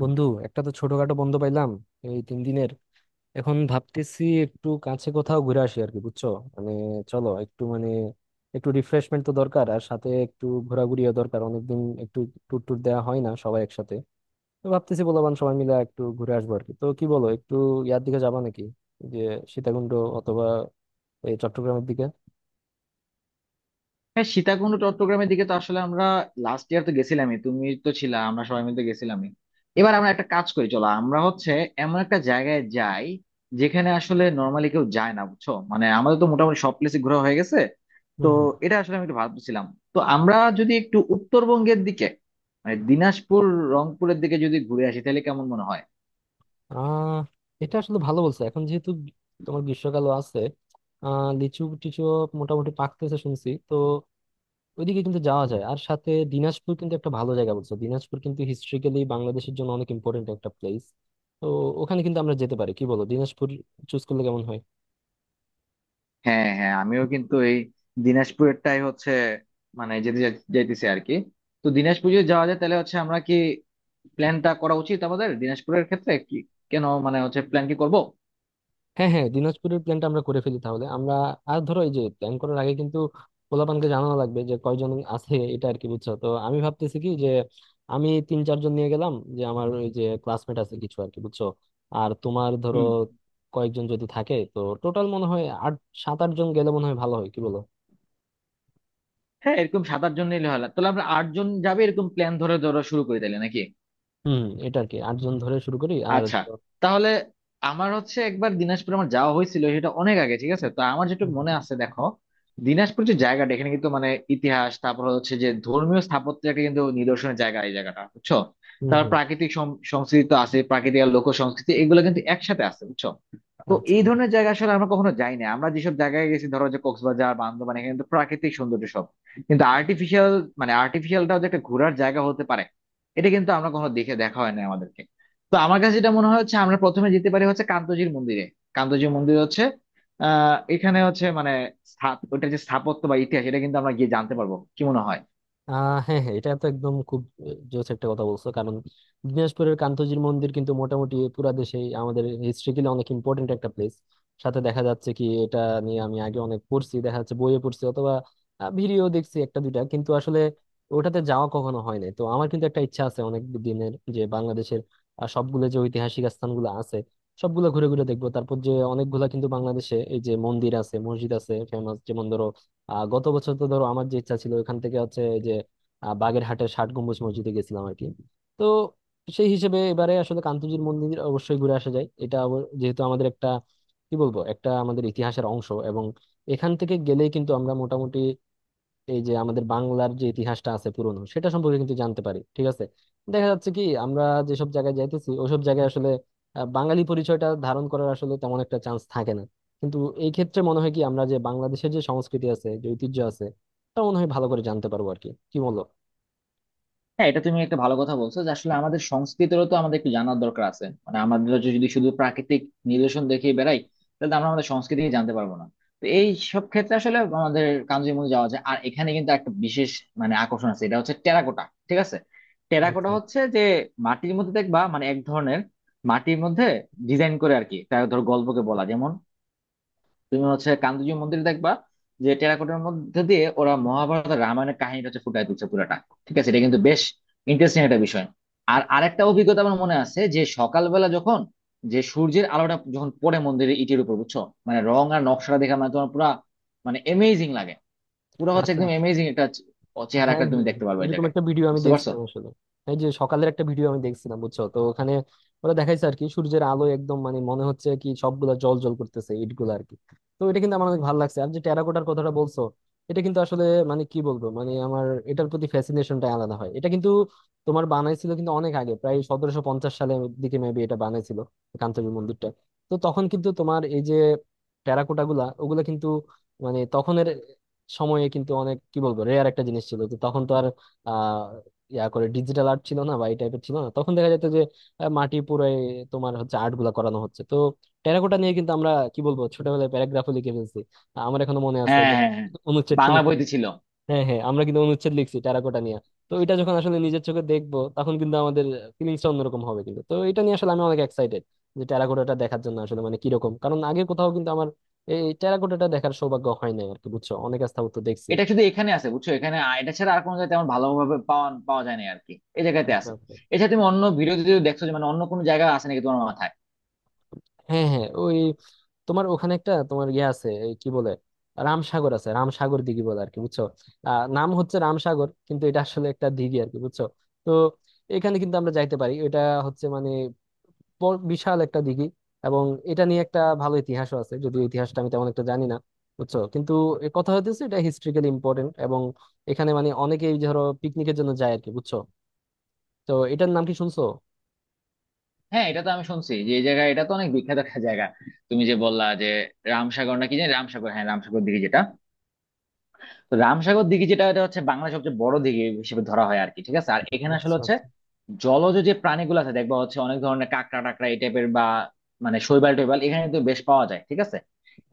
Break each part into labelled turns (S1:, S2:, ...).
S1: বন্ধু, একটা তো ছোটখাটো বন্ধ পাইলাম এই 3 দিনের। এখন ভাবতেছি একটু কাছে কোথাও ঘুরে আসি আর কি, বুঝছো? মানে চলো একটু একটু রিফ্রেশমেন্ট তো দরকার, আর সাথে একটু ঘোরাঘুরিও দরকার। অনেকদিন একটু ট্যুর ট্যুর দেওয়া হয় না সবাই একসাথে। তো ভাবতেছি বলবান সবাই মিলে একটু ঘুরে আসবো আর কি, তো কি বলো? একটু দিকে যাবা নাকি? যে সীতাকুণ্ড অথবা এই চট্টগ্রামের দিকে।
S2: হ্যাঁ, সীতাকুণ্ড চট্টগ্রামের দিকে তো আসলে আমরা লাস্ট ইয়ার তো গেছিলামই, তুমি তো ছিলা, আমরা সবাই মিলে তো গেছিলামই। এবার আমরা একটা কাজ করি, চলো আমরা হচ্ছে এমন একটা জায়গায় যাই যেখানে আসলে নর্মালি কেউ যায় না, বুঝছো? মানে আমাদের তো মোটামুটি সব প্লেসে ঘোরা হয়ে গেছে।
S1: হম
S2: তো
S1: হম।
S2: এটা আসলে আমি একটু ভাবছিলাম। তো আমরা যদি একটু উত্তরবঙ্গের দিকে, মানে দিনাজপুর, রংপুরের দিকে যদি ঘুরে আসি তাহলে কেমন মনে হয়?
S1: আহ এটা আসলে ভালো বলছো, এখন যেহেতু তোমার গ্রীষ্মকালও আছে। লিচু টিচু মোটামুটি পাকতেছে শুনছি তো, ওইদিকে কিন্তু যাওয়া যায়। আর সাথে দিনাজপুর কিন্তু একটা ভালো জায়গা বলছো। দিনাজপুর কিন্তু হিস্ট্রিক্যালি বাংলাদেশের জন্য অনেক ইম্পর্টেন্ট একটা প্লেস। তো ওখানে কিন্তু আমরা যেতে পারি, কি বলো? দিনাজপুর চুজ করলে কেমন হয়?
S2: হ্যাঁ হ্যাঁ, আমিও কিন্তু এই দিনাজপুরেরটাই হচ্ছে, মানে যেতে যাইতেছি আর কি। তো দিনাজপুর যদি যাওয়া যায় তাহলে হচ্ছে আমরা কি প্ল্যানটা করা উচিত আমাদের দিনাজপুরের ক্ষেত্রে? কি, কেন, মানে হচ্ছে প্ল্যান কি করবো?
S1: হ্যাঁ হ্যাঁ, দিনাজপুরের প্ল্যানটা আমরা করে ফেলি তাহলে আমরা। আর ধরো, এই যে প্ল্যান করার আগে কিন্তু পোলাপানকে জানানো লাগবে যে কয়জন আছে এটা আর কি, বুঝছো? তো আমি ভাবতেছি কি যে আমি তিন চারজন নিয়ে গেলাম, যে আমার ওই যে ক্লাসমেট আছে কিছু আর কি, বুঝছো? আর তোমার ধরো
S2: হুম।
S1: কয়েকজন যদি থাকে, তো টোটাল মনে হয় আট 7-8 জন গেলে মনে হয় ভালো হয়, কি বলো?
S2: হ্যাঁ, এরকম 7-8 জন নিলে হয় না। তাহলে আমরা 8 জন যাবে এরকম প্ল্যান ধরে ধরে শুরু করে দিলে নাকি?
S1: হুম, এটা আর কি আটজন ধরে শুরু করি আর
S2: আচ্ছা, তাহলে আমার হচ্ছে একবার দিনাজপুর আমার যাওয়া হয়েছিল, সেটা অনেক আগে, ঠিক আছে? তো আমার
S1: হুম
S2: যেটুকু মনে আছে দেখো, দিনাজপুর যে জায়গাটা এখানে কিন্তু মানে ইতিহাস, তারপর হচ্ছে যে ধর্মীয় স্থাপত্যের একটা কিন্তু নিদর্শনের জায়গা এই জায়গাটা, বুঝছো?
S1: হুম, হুম,
S2: তারপর
S1: হুম,
S2: প্রাকৃতিক সংস্কৃতি তো আছে, প্রাকৃতিক আর লোক সংস্কৃতি এগুলো কিন্তু একসাথে আছে, বুঝছো? তো
S1: আচ্ছা।
S2: এই ধরনের জায়গা আসলে আমরা কখনো যাই না। আমরা যেসব জায়গায় গেছি ধরো যে কক্সবাজার, বান্দরবান, এখানে তো প্রাকৃতিক সৌন্দর্য সব, কিন্তু আর্টিফিশিয়াল, মানে আর্টিফিশিয়ালটাও যে একটা ঘোরার জায়গা হতে পারে এটা কিন্তু আমরা কখনো দেখে দেখা হয় না আমাদেরকে। তো আমার কাছে যেটা মনে হয় হচ্ছে আমরা প্রথমে যেতে পারি হচ্ছে কান্তজির মন্দিরে। কান্তজির মন্দির হচ্ছে এখানে হচ্ছে মানে স্থাপ, ওটা যে স্থাপত্য বা ইতিহাস এটা কিন্তু আমরা গিয়ে জানতে পারবো, কি মনে হয়?
S1: হ্যাঁ হ্যাঁ, এটা তো একদম খুব জোস একটা কথা বলছো কারণ দিনাজপুরের কান্তজির মন্দির কিন্তু মোটামুটি পুরা দেশে আমাদের হিস্ট্রিক্যালি অনেক ইম্পর্টেন্ট একটা প্লেস। সাথে দেখা যাচ্ছে কি এটা নিয়ে আমি আগে অনেক পড়ছি, দেখা যাচ্ছে বইয়ে পড়ছি অথবা ভিডিও দেখছি একটা দুইটা, কিন্তু আসলে ওটাতে যাওয়া কখনো হয় নাই। তো আমার কিন্তু একটা ইচ্ছা আছে অনেক দিনের যে বাংলাদেশের সবগুলো যে ঐতিহাসিক স্থানগুলো আছে সবগুলো ঘুরে ঘুরে দেখবো। তারপর যে অনেকগুলা কিন্তু বাংলাদেশে এই যে মন্দির আছে মসজিদ আছে ফেমাস, যেমন ধরো গত বছর তো ধরো আমার যে ইচ্ছা ছিল ওখান থেকে হচ্ছে এই যে বাগেরহাটের ষাট গম্বুজ মসজিদে গেছিলাম আর কি। তো সেই হিসেবে এবারে আসলে কান্তজির মন্দির অবশ্যই ঘুরে আসা যায়। এটা যেহেতু আমাদের একটা কি বলবো একটা আমাদের ইতিহাসের অংশ, এবং এখান থেকে গেলেই কিন্তু আমরা মোটামুটি এই যে আমাদের বাংলার যে ইতিহাসটা আছে পুরনো, সেটা সম্পর্কে কিন্তু জানতে পারি, ঠিক আছে। দেখা যাচ্ছে কি আমরা যেসব জায়গায় যাইতেছি ওসব জায়গায় আসলে বাঙালি পরিচয়টা ধারণ করার আসলে তেমন একটা চান্স থাকে না। কিন্তু এই ক্ষেত্রে মনে হয় কি আমরা যে বাংলাদেশের যে সংস্কৃতি আছে যে ঐতিহ্য আছে, তা মনে হয় ভালো করে জানতে পারবো আর কি, কি বলো?
S2: হ্যাঁ, এটা তুমি একটা ভালো কথা বলছো যে আসলে আমাদের সংস্কৃতিরও তো আমাদের একটু জানার দরকার আছে, মানে আমাদের যে যদি শুধু প্রাকৃতিক নিদর্শন দেখে বেড়াই তাহলে তো আমরা আমাদের সংস্কৃতিকে জানতে পারবো না। তো এই সব ক্ষেত্রে আসলে আমাদের কাঞ্চনজঙ্ঘা যাওয়া যায়, আর এখানে কিন্তু একটা বিশেষ মানে আকর্ষণ আছে, এটা হচ্ছে টেরাকোটা, ঠিক আছে? টেরাকোটা
S1: আচ্ছা
S2: হচ্ছে যে মাটির মধ্যে দেখবা মানে এক ধরনের মাটির মধ্যে ডিজাইন করে আর কি, তার ধর গল্পকে বলা, যেমন তুমি হচ্ছে কান্দুজি মন্দির দেখবা যে টেরাকোটার মধ্যে দিয়ে ওরা মহাভারত আর রামায়ণের কাহিনীটা হচ্ছে ফুটায় তুলছে পুরাটা, ঠিক আছে? এটা কিন্তু বেশ ইন্টারেস্টিং একটা বিষয়। আর আরেকটা অভিজ্ঞতা আমার মনে আছে যে সকালবেলা যখন যে সূর্যের আলোটা যখন পড়ে মন্দিরের ইটের উপর, বুঝছো, মানে রং আর নকশাটা দেখা মানে তোমার পুরা মানে এমেজিং লাগে, পুরো হচ্ছে
S1: আচ্ছা,
S2: একদম
S1: আচ্ছা।
S2: এমেজিং একটা
S1: হ্যাঁ
S2: চেহারা
S1: হ্যাঁ
S2: একটা তুমি
S1: হ্যাঁ।
S2: দেখতে পারবে ওই
S1: এরকম
S2: জায়গায়।
S1: একটা ভিডিও আমি
S2: বুঝতে পারছো?
S1: দেখছিলাম আসলে। এই যে সকালের একটা ভিডিও আমি দেখছিলাম, বুঝছো তো ওখানে ওরা দেখাইছে আর কি, সূর্যের আলো একদম মানে মনে হচ্ছে কি সবগুলা জল জল করতেছে ইট গুলা আর কি। তো এটা কিন্তু আমার অনেক ভালো লাগছে। আর যে টেরাকোটার কথাটা বলছো, এটা কিন্তু আসলে মানে কি বলবো মানে আমার এটার প্রতি ফ্যাসিনেশনটা আলাদা হয়। এটা কিন্তু তোমার বানাইছিল কিন্তু অনেক আগে, প্রায় 1750 সালের দিকে মেবি এটা বানাইছিল, কান্তবি মন্দিরটা। তো তখন কিন্তু তোমার এই যে টেরাকোটা গুলা ওগুলা কিন্তু মানে তখনের সময়ে কিন্তু অনেক কি বলবো রেয়ার একটা জিনিস ছিল। তো তখন তো আর আহ ইয়া করে ডিজিটাল আর্ট ছিল না বা এই টাইপের ছিল না। তখন দেখা যেত যে মাটি পুরো তোমার হচ্ছে আর্ট গুলা করানো হচ্ছে। তো টেরাকোটা নিয়ে কিন্তু আমরা কি বলবো ছোটবেলায় প্যারাগ্রাফও লিখে ফেলছি। আমার এখনো মনে আছে
S2: হ্যাঁ
S1: যে
S2: হ্যাঁ হ্যাঁ,
S1: অনুচ্ছেদ
S2: বাংলা
S1: টনুচ্ছেদ।
S2: বইতে ছিল।
S1: হ্যাঁ হ্যাঁ, আমরা কিন্তু অনুচ্ছেদ লিখছি টেরাকোটা নিয়ে। তো এটা যখন আসলে নিজের চোখে দেখবো তখন কিন্তু আমাদের ফিলিংসটা অন্যরকম হবে কিন্তু। তো এটা নিয়ে আসলে আমি অনেক এক্সাইটেড যে টেরাকোটাটা দেখার জন্য আসলে, মানে কিরকম, কারণ আগে কোথাও কিন্তু আমার এই টেরাকোটাটা দেখার সৌভাগ্য হয় নাই আর কি, বুঝছো, অনেক স্থাপত্য দেখছি।
S2: এটা শুধু এখানে আছে, বুঝছো? এখানে এটা ছাড়া আর কোনো জায়গায় তেমন ভালোভাবে পাওয়া পাওয়া যায় না আর কি, এই জায়গাতে
S1: আচ্ছা
S2: আছে।
S1: আচ্ছা।
S2: এছাড়া তুমি অন্য ভিডিওতে যদি দেখছো যে মানে অন্য কোনো জায়গা আছে নাকি তোমার মাথায়?
S1: হ্যাঁ হ্যাঁ, ওই তোমার ওখানে একটা তোমার আছে এই কি বলে রামসাগর আছে, রামসাগর দিঘি বলে আর কি, বুঝছো? নাম হচ্ছে রামসাগর কিন্তু এটা আসলে একটা দিঘি আর কি, বুঝছো? তো এখানে কিন্তু আমরা যাইতে পারি। এটা হচ্ছে মানে বিশাল একটা দিঘি। এবং এটা নিয়ে একটা ভালো ইতিহাসও আছে, যদিও ইতিহাসটা আমি তেমন একটা জানি না, বুঝছো, কিন্তু এ কথা হইতেছে এটা হিস্ট্রিক্যালি ইম্পর্টেন্ট। এবং এখানে মানে অনেকেই ধরো পিকনিকের জন্য যায় আর কি, বুঝছো। তো এটার নাম কি শুনছো?
S2: হ্যাঁ, এটা তো আমি শুনছি যে এই জায়গা, এটা তো অনেক বিখ্যাত একটা জায়গা। তুমি যে বললা যে রামসাগর নাকি জানি, রামসাগর, হ্যাঁ রামসাগর দিঘি যেটা, তো রামসাগর দিঘি যেটা, এটা হচ্ছে বাংলার সবচেয়ে বড় দিঘি হিসেবে ধরা হয় আর কি, ঠিক আছে? আর এখানে আসলে
S1: আচ্ছা
S2: হচ্ছে
S1: আচ্ছা,
S2: জলজ যে প্রাণীগুলো আছে দেখবা হচ্ছে অনেক ধরনের কাঁকড়া টাকড়া এই টাইপের বা মানে শৈবাল টৈবাল এখানে কিন্তু বেশ পাওয়া যায়, ঠিক আছে?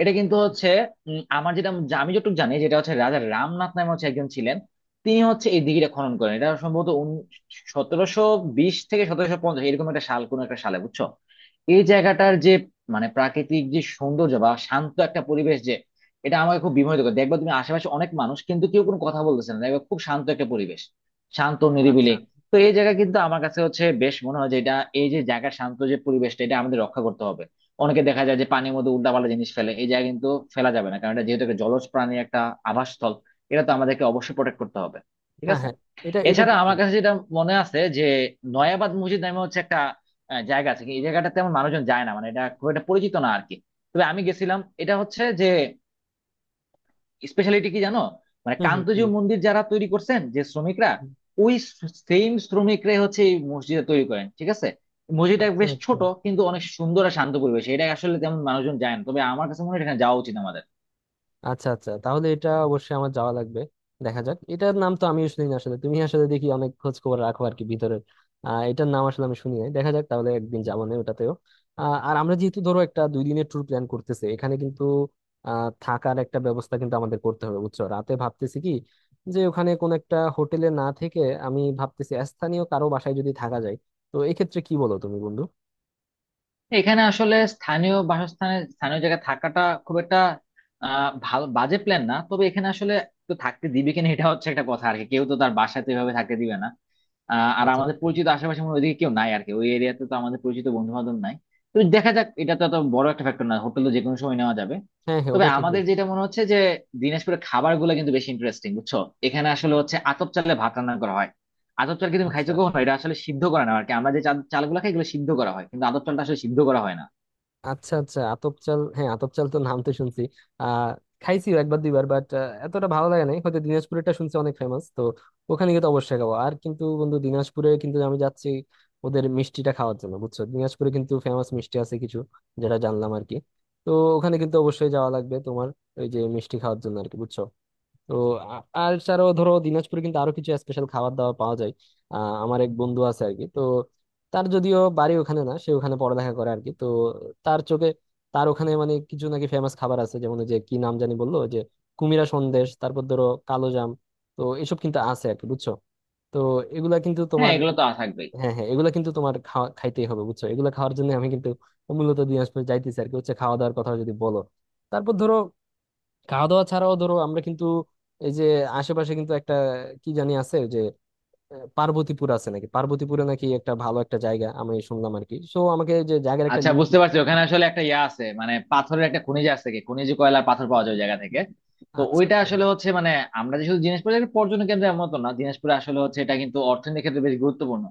S2: এটা কিন্তু হচ্ছে আমার যেটা আমি যতটুকু জানি যেটা হচ্ছে রাজা রামনাথ নামে হচ্ছে একজন ছিলেন, তিনি হচ্ছে এই দিঘিটা খনন করেন, এটা সম্ভবত 1720 বিশ থেকে 1750 এরকম একটা সাল, কোন একটা সালে, বুঝছো? এই জায়গাটার যে মানে প্রাকৃতিক যে সৌন্দর্য বা শান্ত একটা পরিবেশ, যে এটা আমাকে খুব বিমোহিত করে। দেখবা তুমি আশেপাশে অনেক মানুষ কিন্তু কেউ কোনো কথা বলতেছে না, দেখবা খুব শান্ত একটা পরিবেশ, শান্ত
S1: আচ্ছা
S2: নিরিবিলি।
S1: আচ্ছা।
S2: তো এই জায়গা কিন্তু আমার কাছে হচ্ছে বেশ, মনে হয় যে এটা এই যে জায়গা শান্ত যে পরিবেশটা এটা আমাদের রক্ষা করতে হবে। অনেকে দেখা যায় যে পানির মধ্যে উল্টাপাল্টা জিনিস ফেলে, এই জায়গা কিন্তু ফেলা যাবে না কারণ এটা যেহেতু একটা জলজ প্রাণীর একটা আবাসস্থল, এটা তো আমাদেরকে অবশ্যই প্রোটেক্ট করতে হবে, ঠিক
S1: হ্যাঁ
S2: আছে?
S1: হ্যাঁ, এটা এটা
S2: এছাড়া আমার
S1: ঠিক।
S2: কাছে যেটা মনে আছে যে নয়াবাদ মসজিদ নামে হচ্ছে একটা জায়গা আছে, কি এই জায়গাটা তেমন মানুষজন যায় না, মানে এটা খুব একটা পরিচিত না আর কি। তবে আমি গেছিলাম, এটা হচ্ছে যে স্পেশালিটি কি জানো, মানে
S1: হুম
S2: কান্তজি
S1: হুম
S2: মন্দির যারা তৈরি করছেন যে শ্রমিকরা,
S1: হুম।
S2: ওই সেম শ্রমিকরাই হচ্ছে এই মসজিদটা তৈরি করেন, ঠিক আছে? মসজিদটা
S1: আচ্ছা
S2: বেশ
S1: আচ্ছা,
S2: ছোট কিন্তু অনেক সুন্দর আর শান্ত পরিবেশ, এটা আসলে তেমন মানুষজন যায় না তবে আমার কাছে মনে হয় এখানে যাওয়া উচিত আমাদের।
S1: আচ্ছা আচ্ছা, তাহলে এটা অবশ্যই আমার যাওয়া লাগবে। দেখা যাক, এটার নাম তো আমিও শুনি না আসলে, তুমি আসলে দেখি অনেক খোঁজ খবর রাখো আর কি ভিতরের। এটার নাম আসলে আমি শুনি নাই। দেখা যাক তাহলে, একদিন যাবো না ওটাতেও। আর আমরা যেহেতু ধরো একটা 2 দিনের ট্যুর প্ল্যান করতেছি, এখানে কিন্তু থাকার একটা ব্যবস্থা কিন্তু আমাদের করতে হবে, বুঝছো। রাতে ভাবতেছি কি যে ওখানে কোন একটা হোটেলে না থেকে আমি ভাবতেছি স্থানীয় কারো বাসায় যদি থাকা যায়। তো এক্ষেত্রে কি বলো তুমি বন্ধু?
S2: এখানে আসলে স্থানীয় বাসস্থানে স্থানীয় জায়গায় থাকাটা খুব একটা ভালো বাজে প্ল্যান না, তবে এখানে আসলে তো থাকতে দিবে কিনা এটা হচ্ছে একটা কথা আর কি, কেউ তো তার বাসাতে এভাবে থাকতে দিবে না। আর
S1: আচ্ছা
S2: আমাদের
S1: আচ্ছা।
S2: পরিচিত আশেপাশে মনে হয় ওইদিকে কেউ নাই আর কি, ওই এরিয়াতে তো আমাদের পরিচিত বন্ধু বান্ধব নাই। তো দেখা যাক, এটা তো এত বড় একটা ফ্যাক্টর না, হোটেল তো যেকোনো সময় নেওয়া যাবে।
S1: হ্যাঁ হ্যাঁ,
S2: তবে
S1: ওটা ঠিক
S2: আমাদের
S1: বলছো।
S2: যেটা মনে হচ্ছে যে দিনাজপুরের খাবার গুলো কিন্তু বেশি ইন্টারেস্টিং, বুঝছো? এখানে আসলে হচ্ছে আতপ চালে ভাত রান্না করা হয়। আতপ চাল কি তুমি খাইছো
S1: আচ্ছা
S2: কখনো? এটা আসলে সিদ্ধ করা না আর কি, আমরা যে চালগুলো খাই এগুলো সিদ্ধ করা হয় কিন্তু আতপ চালটা আসলে সিদ্ধ করা হয় না।
S1: আচ্ছা, আচ্ছা আতপ চাল, হ্যাঁ আতপ চাল তো নাম তো শুনছি। আহ খাইছিও একবার দুইবার বাট এতটা ভালো লাগে নাই, হয়তো দিনাজপুরেরটা শুনছি অনেক ফেমাস। তো ওখানে গিয়ে তো অবশ্যই খাবো। আর কিন্তু বন্ধু দিনাজপুরে কিন্তু আমি যাচ্ছি ওদের মিষ্টিটা খাওয়ার জন্য, বুঝছো দিনাজপুরে কিন্তু ফেমাস মিষ্টি আছে কিছু, যেটা জানলাম আর কি। তো ওখানে কিন্তু অবশ্যই যাওয়া লাগবে তোমার, ওই যে মিষ্টি খাওয়ার জন্য আর কি, বুঝছো। তো আর ছাড়াও ধরো দিনাজপুরে কিন্তু আরো কিছু স্পেশাল খাবার দাবার পাওয়া যায়। আহ আমার এক বন্ধু আছে আর কি, তো তার যদিও বাড়ি ওখানে না, সে ওখানে পড়ালেখা করে আর কি। তো তার চোখে তার ওখানে মানে কিছু নাকি ফেমাস খাবার আছে, যেমন ওই যে কি নাম জানি বললো ওই যে কুমিরা সন্দেশ, তারপর ধরো কালো জাম। তো এসব কিন্তু আছে আর কি, বুঝছো। তো এগুলা কিন্তু
S2: হ্যাঁ,
S1: তোমার
S2: এগুলো তো থাকবেই।
S1: হ্যাঁ হ্যাঁ এগুলা কিন্তু তোমার খাওয়া খাইতেই হবে, বুঝছো এগুলা খাওয়ার জন্য আমি কিন্তু মূলত দিনাজপুর যাইতেছি আর কি, হচ্ছে খাওয়া দাওয়ার কথা যদি বলো। তারপর ধরো খাওয়া দাওয়া ছাড়াও ধরো আমরা কিন্তু এই যে আশেপাশে কিন্তু একটা কি জানি আছে যে পার্বতীপুর আছে নাকি, পার্বতীপুরে নাকি একটা ভালো একটা জায়গা আমি শুনলাম আর কি, সো আমাকে যে জায়গার একটা
S2: আচ্ছা,
S1: লিস্ট।
S2: বুঝতে পারছি, ওখানে আসলে একটা ইয়া আছে মানে পাথরের একটা খনিজ আছে, কি খনিজ, কয়লার পাথর পাওয়া যায় ওই জায়গা থেকে। তো
S1: আচ্ছা
S2: ওইটা
S1: আচ্ছা।
S2: আসলে হচ্ছে মানে আমরা যে শুধু দিনাজপুরে একটা পর্যটন কেন্দ্র এমন তো না, দিনাজপুরে আসলে হচ্ছে এটা কিন্তু অর্থনীতির ক্ষেত্রে বেশ গুরুত্বপূর্ণ,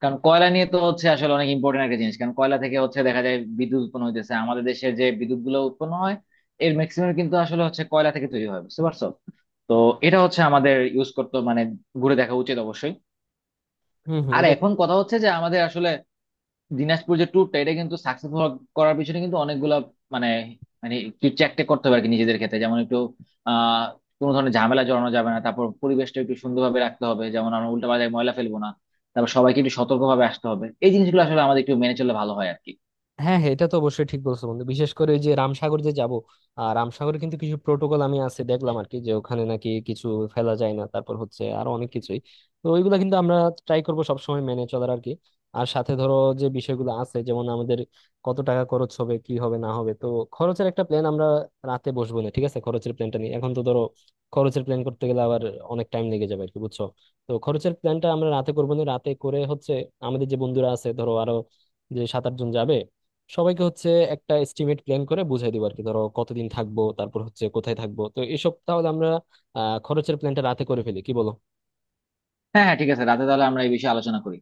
S2: কারণ কয়লা নিয়ে তো হচ্ছে আসলে অনেক ইম্পর্টেন্ট একটা জিনিস, কারণ কয়লা থেকে হচ্ছে দেখা যায় বিদ্যুৎ উৎপন্ন হইতেছে। আমাদের দেশে যে বিদ্যুৎ গুলো উৎপন্ন হয় এর ম্যাক্সিমাম কিন্তু আসলে হচ্ছে কয়লা থেকে তৈরি হয়, বুঝতে পারছো? তো এটা হচ্ছে আমাদের ইউজ করতে মানে ঘুরে দেখা উচিত অবশ্যই।
S1: হম হম,
S2: আর
S1: এটা
S2: এখন
S1: ঠিক।
S2: কথা হচ্ছে যে আমাদের আসলে দিনাজপুর যে ট্যুরটা এটা কিন্তু সাকসেসফুল করার পিছনে কিন্তু অনেকগুলা মানে মানে একটু চেক করতে হবে আর কি নিজেদের ক্ষেত্রে, যেমন একটু আহ কোনো ধরনের ঝামেলা জড়ানো যাবে না, তারপর পরিবেশটা একটু সুন্দরভাবে রাখতে হবে, যেমন আমরা উল্টা পাল্টা ময়লা ফেলবো না, তারপর সবাইকে একটু সতর্কভাবে আসতে হবে, এই জিনিসগুলো আসলে আমাদের একটু মেনে চললে ভালো হয় আর কি।
S1: হ্যাঁ হ্যাঁ, এটা তো অবশ্যই ঠিক বলছো বন্ধু, বিশেষ করে ওই যে রামসাগর যে যাব। আর রামসাগরে কিন্তু কিছু প্রোটোকল আমি আছে দেখলাম আর কি, যে ওখানে নাকি কিছু ফেলা যায় না, তারপর হচ্ছে আরো অনেক কিছুই। তো ওইগুলা কিন্তু আমরা ট্রাই করব সবসময় মেনে চলার আর কি। আর সাথে ধরো যে বিষয়গুলো আছে যেমন আমাদের কত টাকা খরচ হবে কি হবে না হবে, তো খরচের একটা প্ল্যান আমরা রাতে বসবো না ঠিক আছে খরচের প্ল্যানটা নিয়ে। এখন তো ধরো খরচের প্ল্যান করতে গেলে আবার অনেক টাইম লেগে যাবে আর কি, বুঝছো। তো খরচের প্ল্যানটা আমরা রাতে করবো না রাতে করে হচ্ছে, আমাদের যে বন্ধুরা আছে ধরো আরো যে 7-8 জন যাবে সবাইকে হচ্ছে একটা এস্টিমেট প্ল্যান করে বুঝাই দিব আর কি, ধরো কতদিন থাকবো তারপর হচ্ছে কোথায় থাকবো। তো এসব তাহলে আমরা খরচের প্ল্যানটা রাতে করে ফেলি, কি বলো?
S2: হ্যাঁ হ্যাঁ ঠিক আছে, রাতে তাহলে আমরা এই বিষয়ে আলোচনা করি।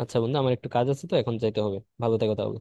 S1: আচ্ছা বন্ধু আমার একটু কাজ আছে, তো এখন যাইতে হবে। ভালো থেকো তাহলে।